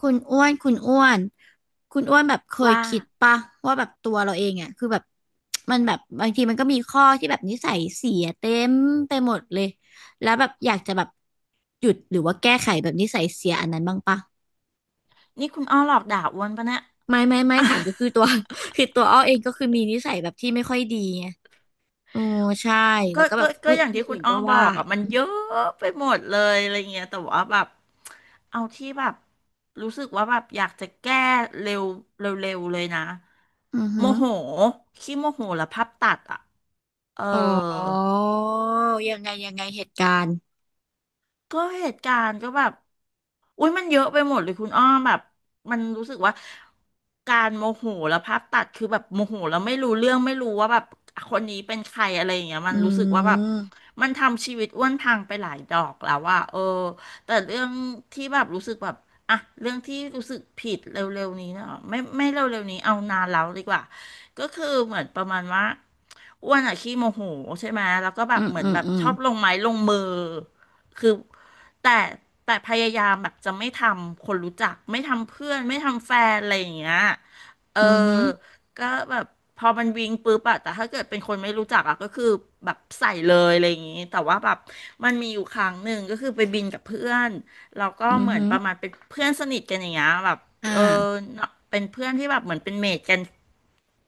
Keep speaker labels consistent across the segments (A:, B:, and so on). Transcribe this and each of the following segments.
A: คุณอ้วน คุณอ้วน คุณอ้วนแบบเคย
B: ว่า
A: คิดปะว่าแบบตัวเราเองอ่ะคือแบบมันแบบบางทีมันก็มีข้อที่แบบนิสัยเสียเต็มไปหมดเลย แล้วแบบอยากจะแบบหยุดหรือว่าแก้ไขแบบนิสัยเสียอันนั้นบ้างปะ
B: นี่คุณอ้อหลอกด่าอ้วนปะเนี่ย
A: ไม่ไม่
B: อ่ะ
A: ถา มก็คือตัว คือตัวอ้อเองก็คือมีนิสัยแบบที่ไม่ค่อยดีไงโอ้ใช่
B: ก็
A: แล้วก็แบ
B: ก็
A: บ
B: ก็
A: เอ้ย
B: อย่าง
A: ค
B: ที่
A: น
B: คุ
A: อื่
B: ณ
A: น
B: อ้อ
A: ก็
B: บอ
A: ว่า
B: กอ่ะมันเยอะไปหมดเลยอะไรเงี้ยแต่ว่าแบบเอาที่แบบรู้สึกว่าแบบอยากจะแก้เร็วเร็วเร็วเลยนะ
A: อือ
B: โม
A: หือ
B: โหขี้โมโหแล้วภาพตัดอ่ะเอ
A: อ๋อ
B: อ
A: ยังไงยังไงเหตุการณ์
B: ก็เหตุการณ์ก็แบบอุ้ยมันเยอะไปหมดเลยคุณอ้อมแบบมันรู้สึกว่าการโมโหแล้วภาพตัดคือแบบโมโหแล้วไม่รู้เรื่องไม่รู้ว่าแบบคนนี้เป็นใครอะไรอย่างเงี้ยมัน
A: อื
B: รู้สึกว่าแบบ
A: ม
B: มันทำชีวิตอ้วนพังไปหลายดอกแล้วว่าเออแต่เรื่องที่แบบรู้สึกแบบอ่ะเรื่องที่รู้สึกผิดเร็วๆนี้เนาะไม่เร็วๆนี้เอานานแล้วดีกว่าก็คือเหมือนประมาณว่า อ้วนอะขี้โมโหใช่ไหมแล้วก็แบ
A: อื
B: บ
A: ม
B: เหมือ
A: อื
B: น
A: ม
B: แบบ
A: อืม
B: ชอบลงไม้ลงมือคือแต่แต่พยายามแบบจะไม่ทำคนรู้จักไม่ทำเพื่อนไม่ทำแฟนอะไรอย่างเงี้ยเออ
A: อือหือ
B: ก็แบบพอมันวิ่งปุ๊บอะแต่ถ้าเกิดเป็นคนไม่รู้จักอะก็คือแบบใส่เลยอะไรอย่างงี้แต่ว่าแบบมันมีอยู่ครั้งหนึ่งก็คือไปบินกับเพื่อนแล้าก็
A: อือ
B: เหมือน
A: ฮึ
B: ประมาณเป็นเพื่อนสนิทกันอย่างเงี้ยแบบ
A: อ่า
B: เออเป็นเพื่อนที่แบบเหมือนเป็นเมทกัน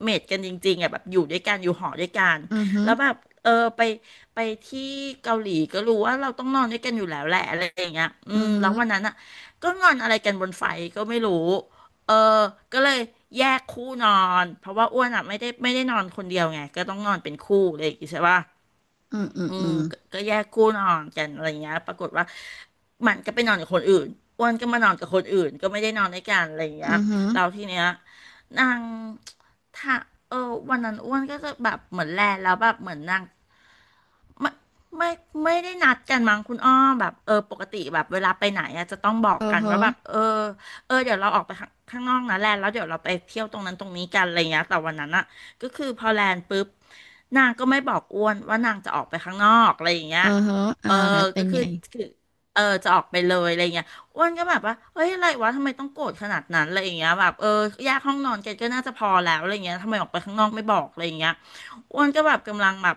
B: เมทกันจริงๆอ่ะแบบอยู่ด้วยกันอยู่หอด้วยกัน
A: อือฮึ
B: แล้วแบบเออไปไปที่เกาหลีก็รู้ว่าเราต้องนอนด้วยกันอยู่แล้วแหละอะไรอย่างเงี้ยอื
A: อื
B: ม
A: อฮึ
B: แล้ววันนั้นอ่ะก็งอนอะไรกันบนไฟก็ไม่รู้เออก็เลยแยกคู่นอนเพราะว่าอ้วนอ่ะไม่ได้นอนคนเดียวไงก็ต้องนอนเป็นคู่เลยางงี้ใช่ป่ะ
A: อืออือ
B: อื
A: อื
B: ม
A: อ
B: ก็แยกคู่นอนกันอะไรเงี้ยปรากฏว่ามันก็ไปนอนกับคนอื่นอ้วนก็มานอนกับคนอื่นก็ไม่ได้นอนด้วยกันอะไรเงี้ย
A: อือฮึ
B: เราทีเนี้ยนางถ้าเออวันนั้นอ้วนก็จะแบบเหมือนแลแล้วแบบเหมือนนาง ไม่ไม่ไม่ได้นัดกันมั้งคุณอ้อแบบเออปกติแบบเวลาไปไหนอะจะต้องบอก
A: อือ
B: กัน
A: ฮึ
B: ว่าแบบเออเดี๋ยวเราออกไปข้างนอกนะแลนแล้วเดี๋ยวเราไปเที่ยวตรงนั้นตรงนี้กันอะไรเงี้ยแต่วันนั้นอะก็คือพอแลนปุ๊บนางก็ไม่บอกอ้วนว่านางจะออกไปข้างนอกอะไรอย่างเงี้
A: อื
B: ย
A: อฮึอ่า
B: เออ
A: แล้วเป็
B: ก็
A: น
B: คื
A: ไง
B: อคือเออจะออกไปเลยอะไรเงี้ยอ้วนก็แบบว่าเฮ้ยอะไรวะทำไมต้องโกรธขนาดนั้นอะไรอย่างเงี้ยแบบเออแยกห้องนอนกันก็น่าจะพอแล้วอะไรเงี้ยทำไมออกไปข้างนอกไม่บอกอะไรอย่างเงี้ยอ้วนก็แบบกำลังแบบ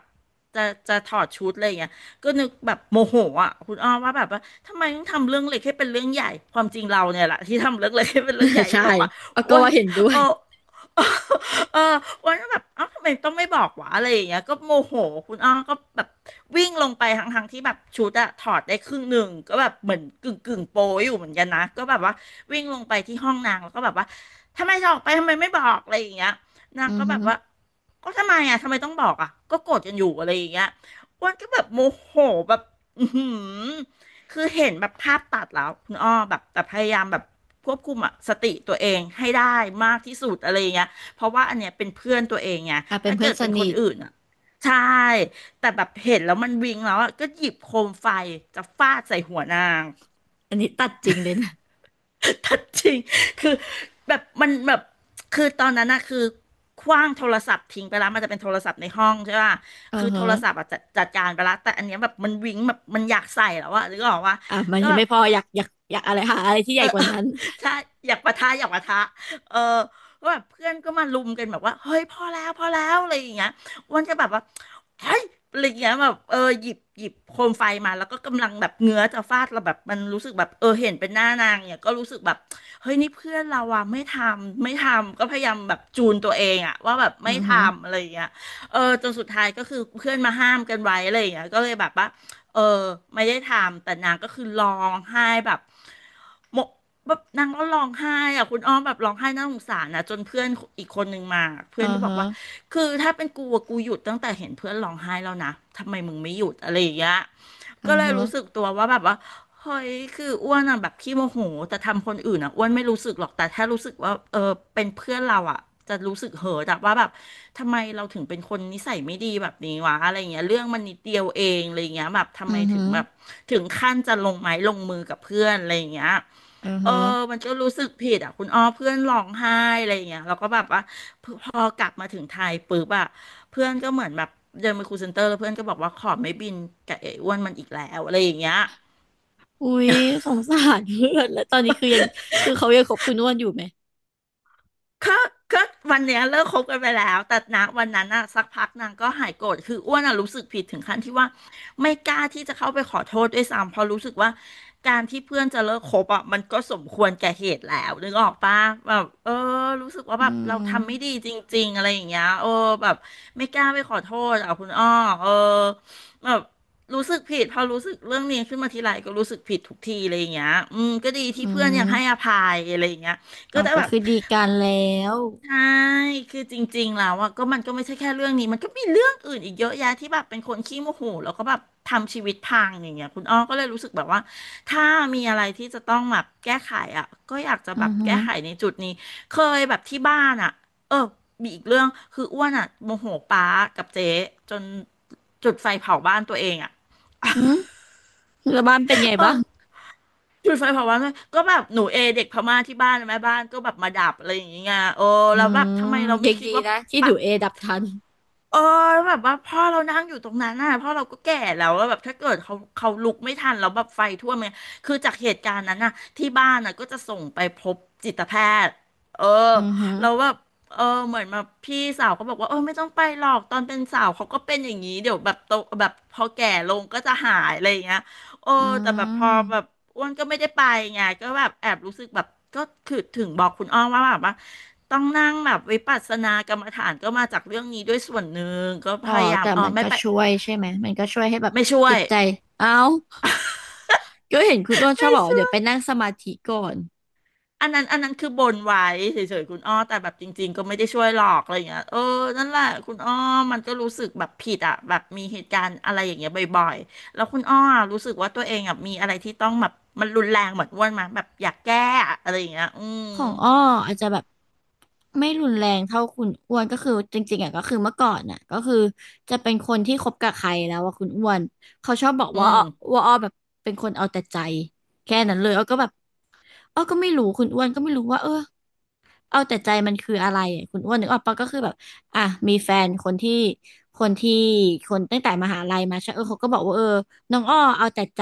B: จะถอดชุดอะไรอย่างเงี้ยก็นึกแบบโมโหอ่ะคุณอ้อมว่าแบบว่าทำไมต้องทำเรื่องเล็กให้เป็นเรื่องใหญ่ความจริงเราเนี่ยแหละที่ทำเรื่องเล็กให้เป็นเรื่องใหญ่ ที่
A: ใช่
B: บอกว่า
A: เอา
B: อ้
A: ก็
B: วน
A: ว่าเห็นด้ว
B: เอ
A: ย
B: อเอออ้วนก็แบบเอ้าทำไมต้องไม่บอกวะอะไรอย่างเงี้ยก็โมโหคุณอ้อก็แบบวิ่งลงไปทั้งที่แบบชุดอะถอดได้ครึ่งหนึ่งก็แบบเหมือนกึ่งโปยอยู่เหมือนกันนะก็แบบว่าวิ่งลงไปที่ห้องนางแล้วก็แบบว่าทำไมจะออกไปทำไมไม่บอกอะไรอย่างเงี้ย นาง
A: อือ
B: ก็แบ
A: ฮึ
B: บว่าก็ทำไมอ่ะทำไมต้องบอกอ่ะก็โกรธกันอยู่อะไรอย่างเงี้ยอ้วนก็แบบโมโหแบบอือหือคือเห็นแบบภาพตัดแล้วคุณอ้อแบบแต่พยายามแบบควบคุมอะสติตัวเองให้ได้มากที่สุดอะไรอย่างเงี้ยเพราะว่าอันเนี้ยเป็นเพื่อนตัวเองไง
A: อ่าเป็น
B: ถ้า
A: เพื่อ
B: เกิ
A: น
B: ด
A: ส
B: เป็น
A: นิ
B: คน
A: ท
B: อื่นอ่ะใช่แต่แบบเห็นแล้วมันวิงแล้วอะก็หยิบโคมไฟจะฟาดใส่หัวนาง
A: อันนี้ตัดจริงเลยนะ
B: ทัดจริงคือแบบมันแบบคือตอนนั้นนะคือขว้างโทรศัพท์ทิ้งไปแล้วมันจะเป็นโทรศัพท์ในห้องใช่ป่ะ
A: อื
B: คื
A: อ
B: อโท
A: ฮึ
B: รศัพท์อะจัดการไปแล้วแต่อันเนี้ยแบบมันวิ้งแบบมันอยากใส่แล้วอะหรือก็บอกว่า
A: อ่ามัน
B: ก็
A: ยัง
B: แบ
A: ไม่
B: บ
A: พออยากอะไรหาอะไรที่ให
B: เอ
A: ญ่
B: อ
A: กว่านั้น
B: ใช่อยากปะทะอยากปะทะเออก็แบบเพื่อนก็มาลุมกันแบบว่าเฮ้ยพอแล้วพอแล้วอะไรอย่างเงี้ยอ้วนก็แบบว่าเฮ้ยอะไรอย่างเงี้ยแบบเออหยิบโคมไฟมาแล้วก็กำลังแบบเงื้อจะฟาดเราแบบมันรู้สึกแบบเออเห็นเป็นหน้านางเนี่ยก็รู้สึกแบบเฮ้ยนี่เพื่อนเราอะไม่ทำก็พยายามแบบจูนตัวเองอะว่าแบบ
A: อื
B: ไม่
A: อ
B: ท
A: ฮึ
B: ำอะไรอย่างเงี้ยเออจนสุดท้ายก็คือเพื่อนมาห้ามกันไว้อะไรอย่างเงี้ยก็เลยแบบว่า เออไม่ได้ทำแต่นางก็คือร้องไห้แบบหมกแบบนางก็ร้องไห้อะคุณอ้อมแบบร้องไห้น่าสงสารนะจนเพื่อนอีกคนหนึงมาเพื่
A: อื
B: อน
A: อ
B: ก็บอก
A: ฮึ
B: ว่าคือถ้าเป็นกูอะกูหยุดตั้งแต่เห็นเพื่อนร้องไห้แล้วนะทำไมมึงไม่หยุดอะไรอย่างเงี้ย
A: อื
B: ก็
A: อ
B: เลย
A: ฮึ
B: รู้สึกตัวว่าแบบว่าเฮ้ยคืออ้วนอะแบบขี้โมโหแต่ทำคนอื่นอะอ้วนไม่รู้สึกหรอกแต่ถ้ารู้สึกว่าเออเป็นเพื่อนเราอะจะรู้สึกเหิดอะว่าแบบ ทำไมเราถึงเป็นคนนิสัยไม่ดีแบบนี้วะอะไรเงี้ยเรื่องมันนิดเดียวเองอะไรเงี้ยแบบทำ
A: อื
B: ไม
A: อฮึ
B: ถึงแบบถึงขั้นจะลงไม้ลงมือกับเพื่อนอะไรเงี้ย
A: อือ
B: เอ
A: ฮึ
B: อมันก็รู้สึกผิดอ่ะคุณอ้อเพื่อนร้องไห้อะไรเงี้ยเราก็แบบว่าพอกลับมาถึงไทยปุ๊บอ่ะเพื่อนก็เหมือนแบบเดินไปคูลเซ็นเตอร์แล้วเพื่อนก็บอกว่าขอไม่บินกับไอ้อ้วนมันอีกแล้วอะไรอย่างเงี้ย
A: อุ๊ยสงสารเพื่อนแล้วตอนนี้คือยังคือเขายังคบคุณอ้วนอยู่ไหม
B: ก็ก็วันเนี้ยเลิกคบกันไปแล้วแต่นะวันนั้นอะสักพักนางก็หายโกรธคืออ้วนอะรู้สึกผิดถึงขั้นที่ว่าไม่กล้าที่จะเข้าไปขอโทษด้วยซ้ำเพราะรู้สึกว่าการที่เพื่อนจะเลิกคบอะมันก็สมควรแก่เหตุแล้วนึกออกปะแบบเออรู้สึกว่า
A: อื
B: แบบเราทำไม่
A: ม
B: ดีจริงๆอะไรอย่างเงี้ยเออแบบไม่กล้าไปขอโทษอะคุณอ้อเออแบบรู้สึกผิดพอรู้สึกเรื่องนี้ขึ้นมาทีไรก็รู้สึกผิดทุกทีอะไรอย่างเงี้ยอืมก็ดีที่
A: อื
B: เพื่อนยังให้อ
A: ม
B: ภัยอะไรอย่างเงี้ย
A: อ๋
B: ก็
A: อ
B: จะ
A: ก็
B: แบบ
A: คือดีกันแล้ว
B: ใช่ คือจริงๆแล้วอะก็มันก็ไม่ใช่แค่เรื่องนี้ มันก็มีเรื่องอื่นอีกเยอะแยะที่แบบเป็นคนขี้โมโหแล้วก็แบบทำชีวิตพังอย่างเงี้ยคุณอ้อก็เลยรู้สึกแบบว่าถ้ามีอะไรที่จะต้องแบบแก้ไขอะก็อยากจะแบ
A: อือ
B: บ
A: ฮึ
B: แก้ไขในจุดนี้เคยแบบที่บ้านอะเออมีอีกเรื่อง คืออ้วนอะโมโหป๊ากับเจ๊จนจุดไฟเผาบ้านตัวเองอะ
A: อืมแล้วบ้านเป็นไง
B: เอ
A: บ้า
B: อ
A: ง
B: จุดไฟเผาบ้านตัวเองก็แบบหนูเอเด็กพม่าที่บ้านแม่บ้านก็แบบมาดับอะไรอย่างเงี้ยโอ้
A: อื
B: แล้วแบบ
A: ม
B: ทำไมเราไม่
A: ยัง
B: คิ
A: ดี
B: ดว่า
A: นะที่ดู
B: ปะ
A: เอดับทัน
B: เออแบบว่าพ่อเรานั่งอยู่ตรงนั้นน่ะพ่อเราก็แก่แล้วแล้วแบบถ้าเกิดเขาลุกไม่ทันแล้วแบบไฟท่วมเนี่ยคือจากเหตุการณ์นั้นน่ะที่บ้านน่ะก็จะส่งไปพบจิตแพทย์เออ
A: อือหือ
B: แล้วแบบเออเหมือนมาพี่สาวก็บอกว่าเออไม่ต้องไปหรอกตอนเป็นสาวเขาก็เป็นอย่างนี้เดี๋ยวแบบโตแบบพอแก่ลงก็จะหายอะไรอย่างเงี้ย โอ้
A: อื
B: แต่แบบพอแบบ
A: ม
B: อ้วนก็ไม่ได้ไปไงก็แบบแอบรู้สึกแบบก็คือถึงบอกคุณอ้อมว่าแบบว่าต้องนั่งแบบวิปัสสนากรรมฐานก็มาจากเรื่องนี้ด้วยส่วนหนึ่งก็
A: อ๋
B: พ
A: อ
B: ยายาม
A: แต่
B: อ๋อ
A: มัน
B: ไม่
A: ก็
B: ไป
A: ช่วยใช่ไหม มันก็ช่วยให้แบบ
B: ไม่ช่ว
A: จิ
B: ย
A: ตใจ เอ้าก็เห็นคุณอ้วนชอบบอกว่าเดี๋ยวไปนั่งสมาธิก่อน
B: อันนั้นคือบนไว้เฉยๆคุณอ้อแต่แบบจริงๆก็ไม่ได้ช่วยหรอกอะไรอย่างเงี้ยเออนั่นแหละคุณอ้อมันก็รู้สึกแบบผิดอ่ะแบบมีเหตุการณ์อะไรอย่างเงี้ยบ่อยๆแล้วคุณอ้อรู้สึกว่าตัวเองอ่ะมีอะไรที่ต้องแบบมันรุนแรงเหมือนอ้วนมาแบบอยากแก้อะอะไรอย่างเงี้ยอืม
A: ของอ้ออาจจะแบบไม่รุนแรงเท่าคุณอ้วนก็คือจริงๆอ่ะก็คือเมื่อก่อนอ่ะก็คือจะเป็นคนที่คบกับใครแล้วว่าคุณอ้วนเขาชอบบอก
B: อื
A: ว่า
B: ม
A: อ้อว่าอ้อแบบเป็นคนเอาแต่ใจแค่นั้นเลยอ้อก็แบบอ้อก็ไม่รู้คุณอ้วนก็ไม่รู้ว่าเออ เอาแต่ใจมันคืออะไรอะคุณอ้วนนึกออกปะก็คือแบบอ่ะมีแฟนคนที่คนตั้งแต่มหาลัยมาใช่เออเขาก็บอกว่าเออน้องอ้อเอาแต่ใจ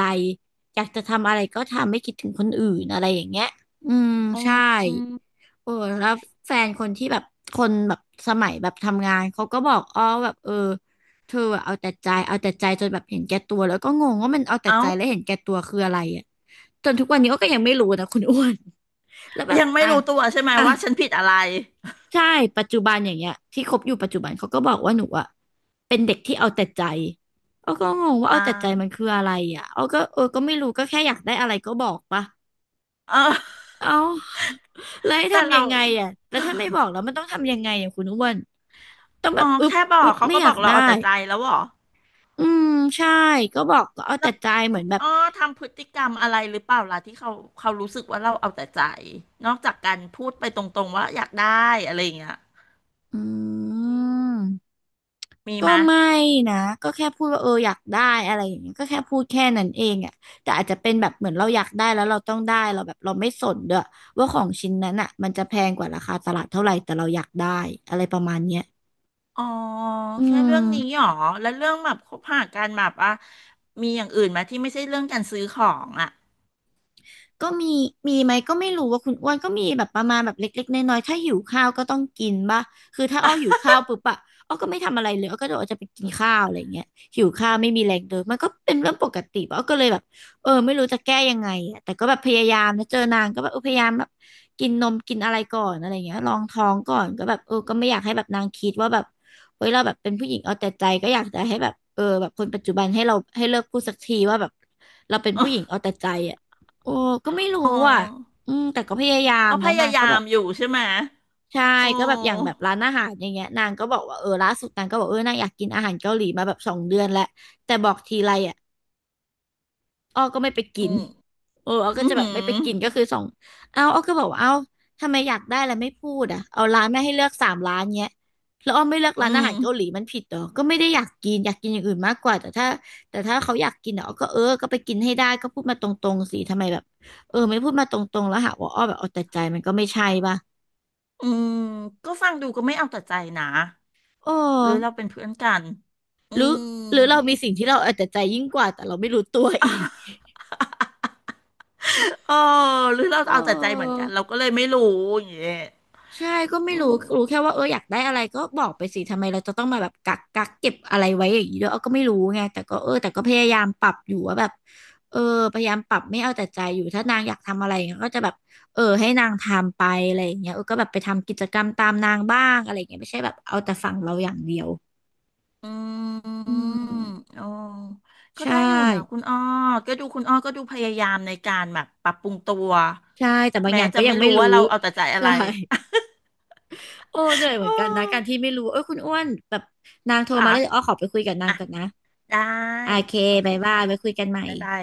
A: อยากจะทำอะไรก็ทำไม่คิดถึงคนอื่นอะไรอย่างเงี้ยอืม
B: อ
A: ใช่
B: ืม
A: โอ้แล้วแฟนคนที่แบบคนแบบสมัยแบบทำงานเขาก็บอกอ้อแบบเออเธออะเอาแต่ใจเอาแต่ใจจนแบบเห็นแก่ตัวแล้วก็งงว่ามันเอาแต่
B: เอ้า
A: ใจและเห็นแก่ตัวคืออะไรอ่ะจนทุกวันนี้อ้อก็ยังไม่รู้นะคุณอ้วน แล้วแบบ
B: ยังไม่
A: อ่ะ
B: รู้ตัวใช่ไหม
A: อ่ะ
B: ว่าฉันผิดอะไร
A: ใช่ปัจจุบันอย่างเงี้ยที่คบอยู่ปัจจุบันเขาก็บอกว่าหนูอะเป็นเด็กที่เอาแต่ใจอ้อก็งงว่า
B: อ่
A: เอาแต่ใจมัน
B: า
A: คืออะไรอ่ะอ้อก็เออก็ไม่รู้ก็แค่อยากได้อะไรก็บอกปะ
B: เออ
A: เอ้าแล้วให้
B: แต่
A: ทำ
B: เรา
A: ยังไงอ่ะแต่ถ้าไม่บอกแล้วมันต้องทำยังไงอ่ะคุณอ้วนต้องแบ
B: อ๋อ
A: บอึบ
B: แค่บอ
A: อึ
B: ก
A: บ
B: เขา
A: ไม่
B: ก็
A: อ
B: บ
A: ยา
B: อก
A: ก
B: เรา
A: ได้
B: เอาแต่ใจแล้วเหรอ
A: อืมใช่ก็บอกก็เอา
B: แล้
A: แต่
B: ว
A: ใจเหมือ
B: คุ
A: น
B: ณ
A: แบบ
B: อ้อทำพฤติกรรมอะไรหรือเปล่าล่ะที่เขาเขารู้สึกว่าเราเอาแต่ใจ นอกจากการพูดไปตรงๆว่าอยากได้อะไรอย่างเงี้ย
A: อืม
B: มี
A: ก็
B: ไหมย
A: ไม่นะก็แค่พูดว่าเอออยากได้อะไรอย่างเงี้ยก็แค่พูดแค่นั้นเองอ่ะแต่อาจจะเป็นแบบเหมือนเราอยากได้แล้วเราต้องได้เราแบบเราไม่สนด้วยว่าของชิ้นนั้นอ่ะมันจะแพงกว่าราคาตลาดเท่าไหร่แต่เราอยากได้อะไรประมาณเนี้ย
B: อ๋อ
A: อื
B: แค่
A: ม
B: เรื่องนี้หรอแล้วเรื่องแบบคบหากันแบบอ่ะมีอย่างอื่นไหมที่ไม่ใช่เรื่องการซื้อของอ่ะ
A: ก็มีมีไหมก็ไม่รู้ว่าคุณอ้วนก็มีแบบประมาณแบบเล็กๆน้อยๆถ้าหิวข้าวก็ต้องกินป่ะคือถ้าอ้อหิวข้าวปุ๊บอะอ้อก็ไม่ทำอะไรเลยอ้อก็เดี๋ยวอ้อจะไปกินข้าวอะไรอย่างเงี้ยหิวข้าวไม่มีแรงเดินมันก็เป็นเรื่องปกติป่ะอ้อก็เลยแบบเออไม่รู้จะแก้ยังไงอะแต่ก็แบบพยายามนะเจอนางก็แบบเออพยายามแบบกินนมกินอะไรก่อนอะไรอย่างเงี้ยลองท้องก่อนก็แบบเออก็ไม่อยากให้แบบนางคิดว่าแบบเฮ้ยเราแบบเป็นผู้หญิงเอาแต่ใจก็อยากจะให้แบบเออแบบคนปัจจุบันให้เราให้เลิกพูดสักทีว่าแบบเราเป็นผู้หญิงเอาแต่ใจอ่ะ โอ้ก็ไม่รู้
B: อ๋อ
A: อ่ะอืมแต่ก็พยายาม
B: ก็พ
A: นะ
B: ยา
A: นาง
B: ยา
A: ก็แบ
B: ม
A: บ
B: อยู่ใช่ไหมย
A: ใช่
B: โอ้
A: ก็แบบอย่างแบบร้านอาหารอย่างเงี้ยนางก็บอกว่าเออล่าสุดนางก็บอกเออนางอยากกินอาหารเกาหลีมาแบบ2 เดือนแล้วแต่บอกทีไรอ่ะ อ้อก็ไม่ไปกิ
B: อื
A: น
B: ม
A: เอออ้อ
B: อื
A: ก็จะแบ
B: ม
A: บไม่ไปกินก็คือส่งเอาอ้อก็บอกว่าเอาทำไมอยากได้แล้วไม่พูดอ่ะเอาร้านแม่ให้เลือก3 ร้านเนี้ยแล้วอ้อไม่เลือก
B: อื
A: ร้านอา
B: ม
A: หารเกาหลีมันผิดเหรอก็ไม่ได้อยากกินอยากกินอย่างอื่นมากกว่าแต่ถ้าเขาอยากกินอ่ะอ้อก็เออก็ไปกินให้ได้ก็พูดมาตรงๆสิทำไมแบบเออไม่พูดมาตรงๆแล้วหาว่าอ้อแบบเอาแต่ใจมันก็ไม่ใช่ป่ะ
B: อืมก็ฟังดูก็ไม่เอาแต่ใจนะ
A: โอ้
B: หรือเราเป็นเพื่อนกันอื
A: หรือหรือเรามี
B: ม
A: สิ่งที่เราเอาแต่ใจยิ่งกว่าแต่เราไม่รู้ตัวอีก
B: เออหรือเรา
A: โอ้
B: เอาแต่ใจเหมือนกันเราก็เลยไม่รู้อย่างเงี้ย
A: ใช่ก็ไม่
B: อื
A: รู้
B: ม
A: รู้แค่ว่าเอออยากได้อะไรก็บอกไปสิทำไมเราจะต้องมาแบบกักเก็บอะไรไว้อย่างนี้ด้วยเออก็ไม่รู้ไงแต่ก็เออแต่ก็พยายามปรับอยู่ว่าแบบเออพยายามปรับไม่เอาแต่ใจอยู่ถ้านางอยากทำอะไรอย่างเงี้ยก็จะแบบเออให้นางทำไปอะไรอย่างเงี้ยเออก็แบบไปทำกิจกรรมตามนางบ้างอะไรอย่างเงี้ยไม่ใช่แบบเอาแต่ฝั่งเราอย่างเดียว
B: อื
A: อื
B: ม
A: ม
B: อ๋อก็
A: ใช่
B: ได้อยู่นะคุณอ้อก็ดูคุณอ้อก็ดูพยายามในการแบบปรับปรุงตัว
A: ใช่แต่บางอ
B: แม้
A: ย่างก็
B: จะ
A: ยั
B: ไม่
A: งไม่
B: รู้
A: รู้
B: ว่าเราเอาแต่ใจอะ
A: ใช่
B: ไร
A: โอ้เหนื่อยเห มือนกันนะ
B: อออ
A: การที่ไม่รู้เออคุณอ้วนแบบนางโทร
B: ค่ะ
A: มาแล้วเดี๋ยวอ้อขอไปคุยกับนาง
B: อ่ะ
A: ก่อนนะ
B: ได้
A: โอเค
B: โอเค
A: บายบา
B: ค่ะ
A: ยไว้คุยกันใหม่
B: บ๊ายบาย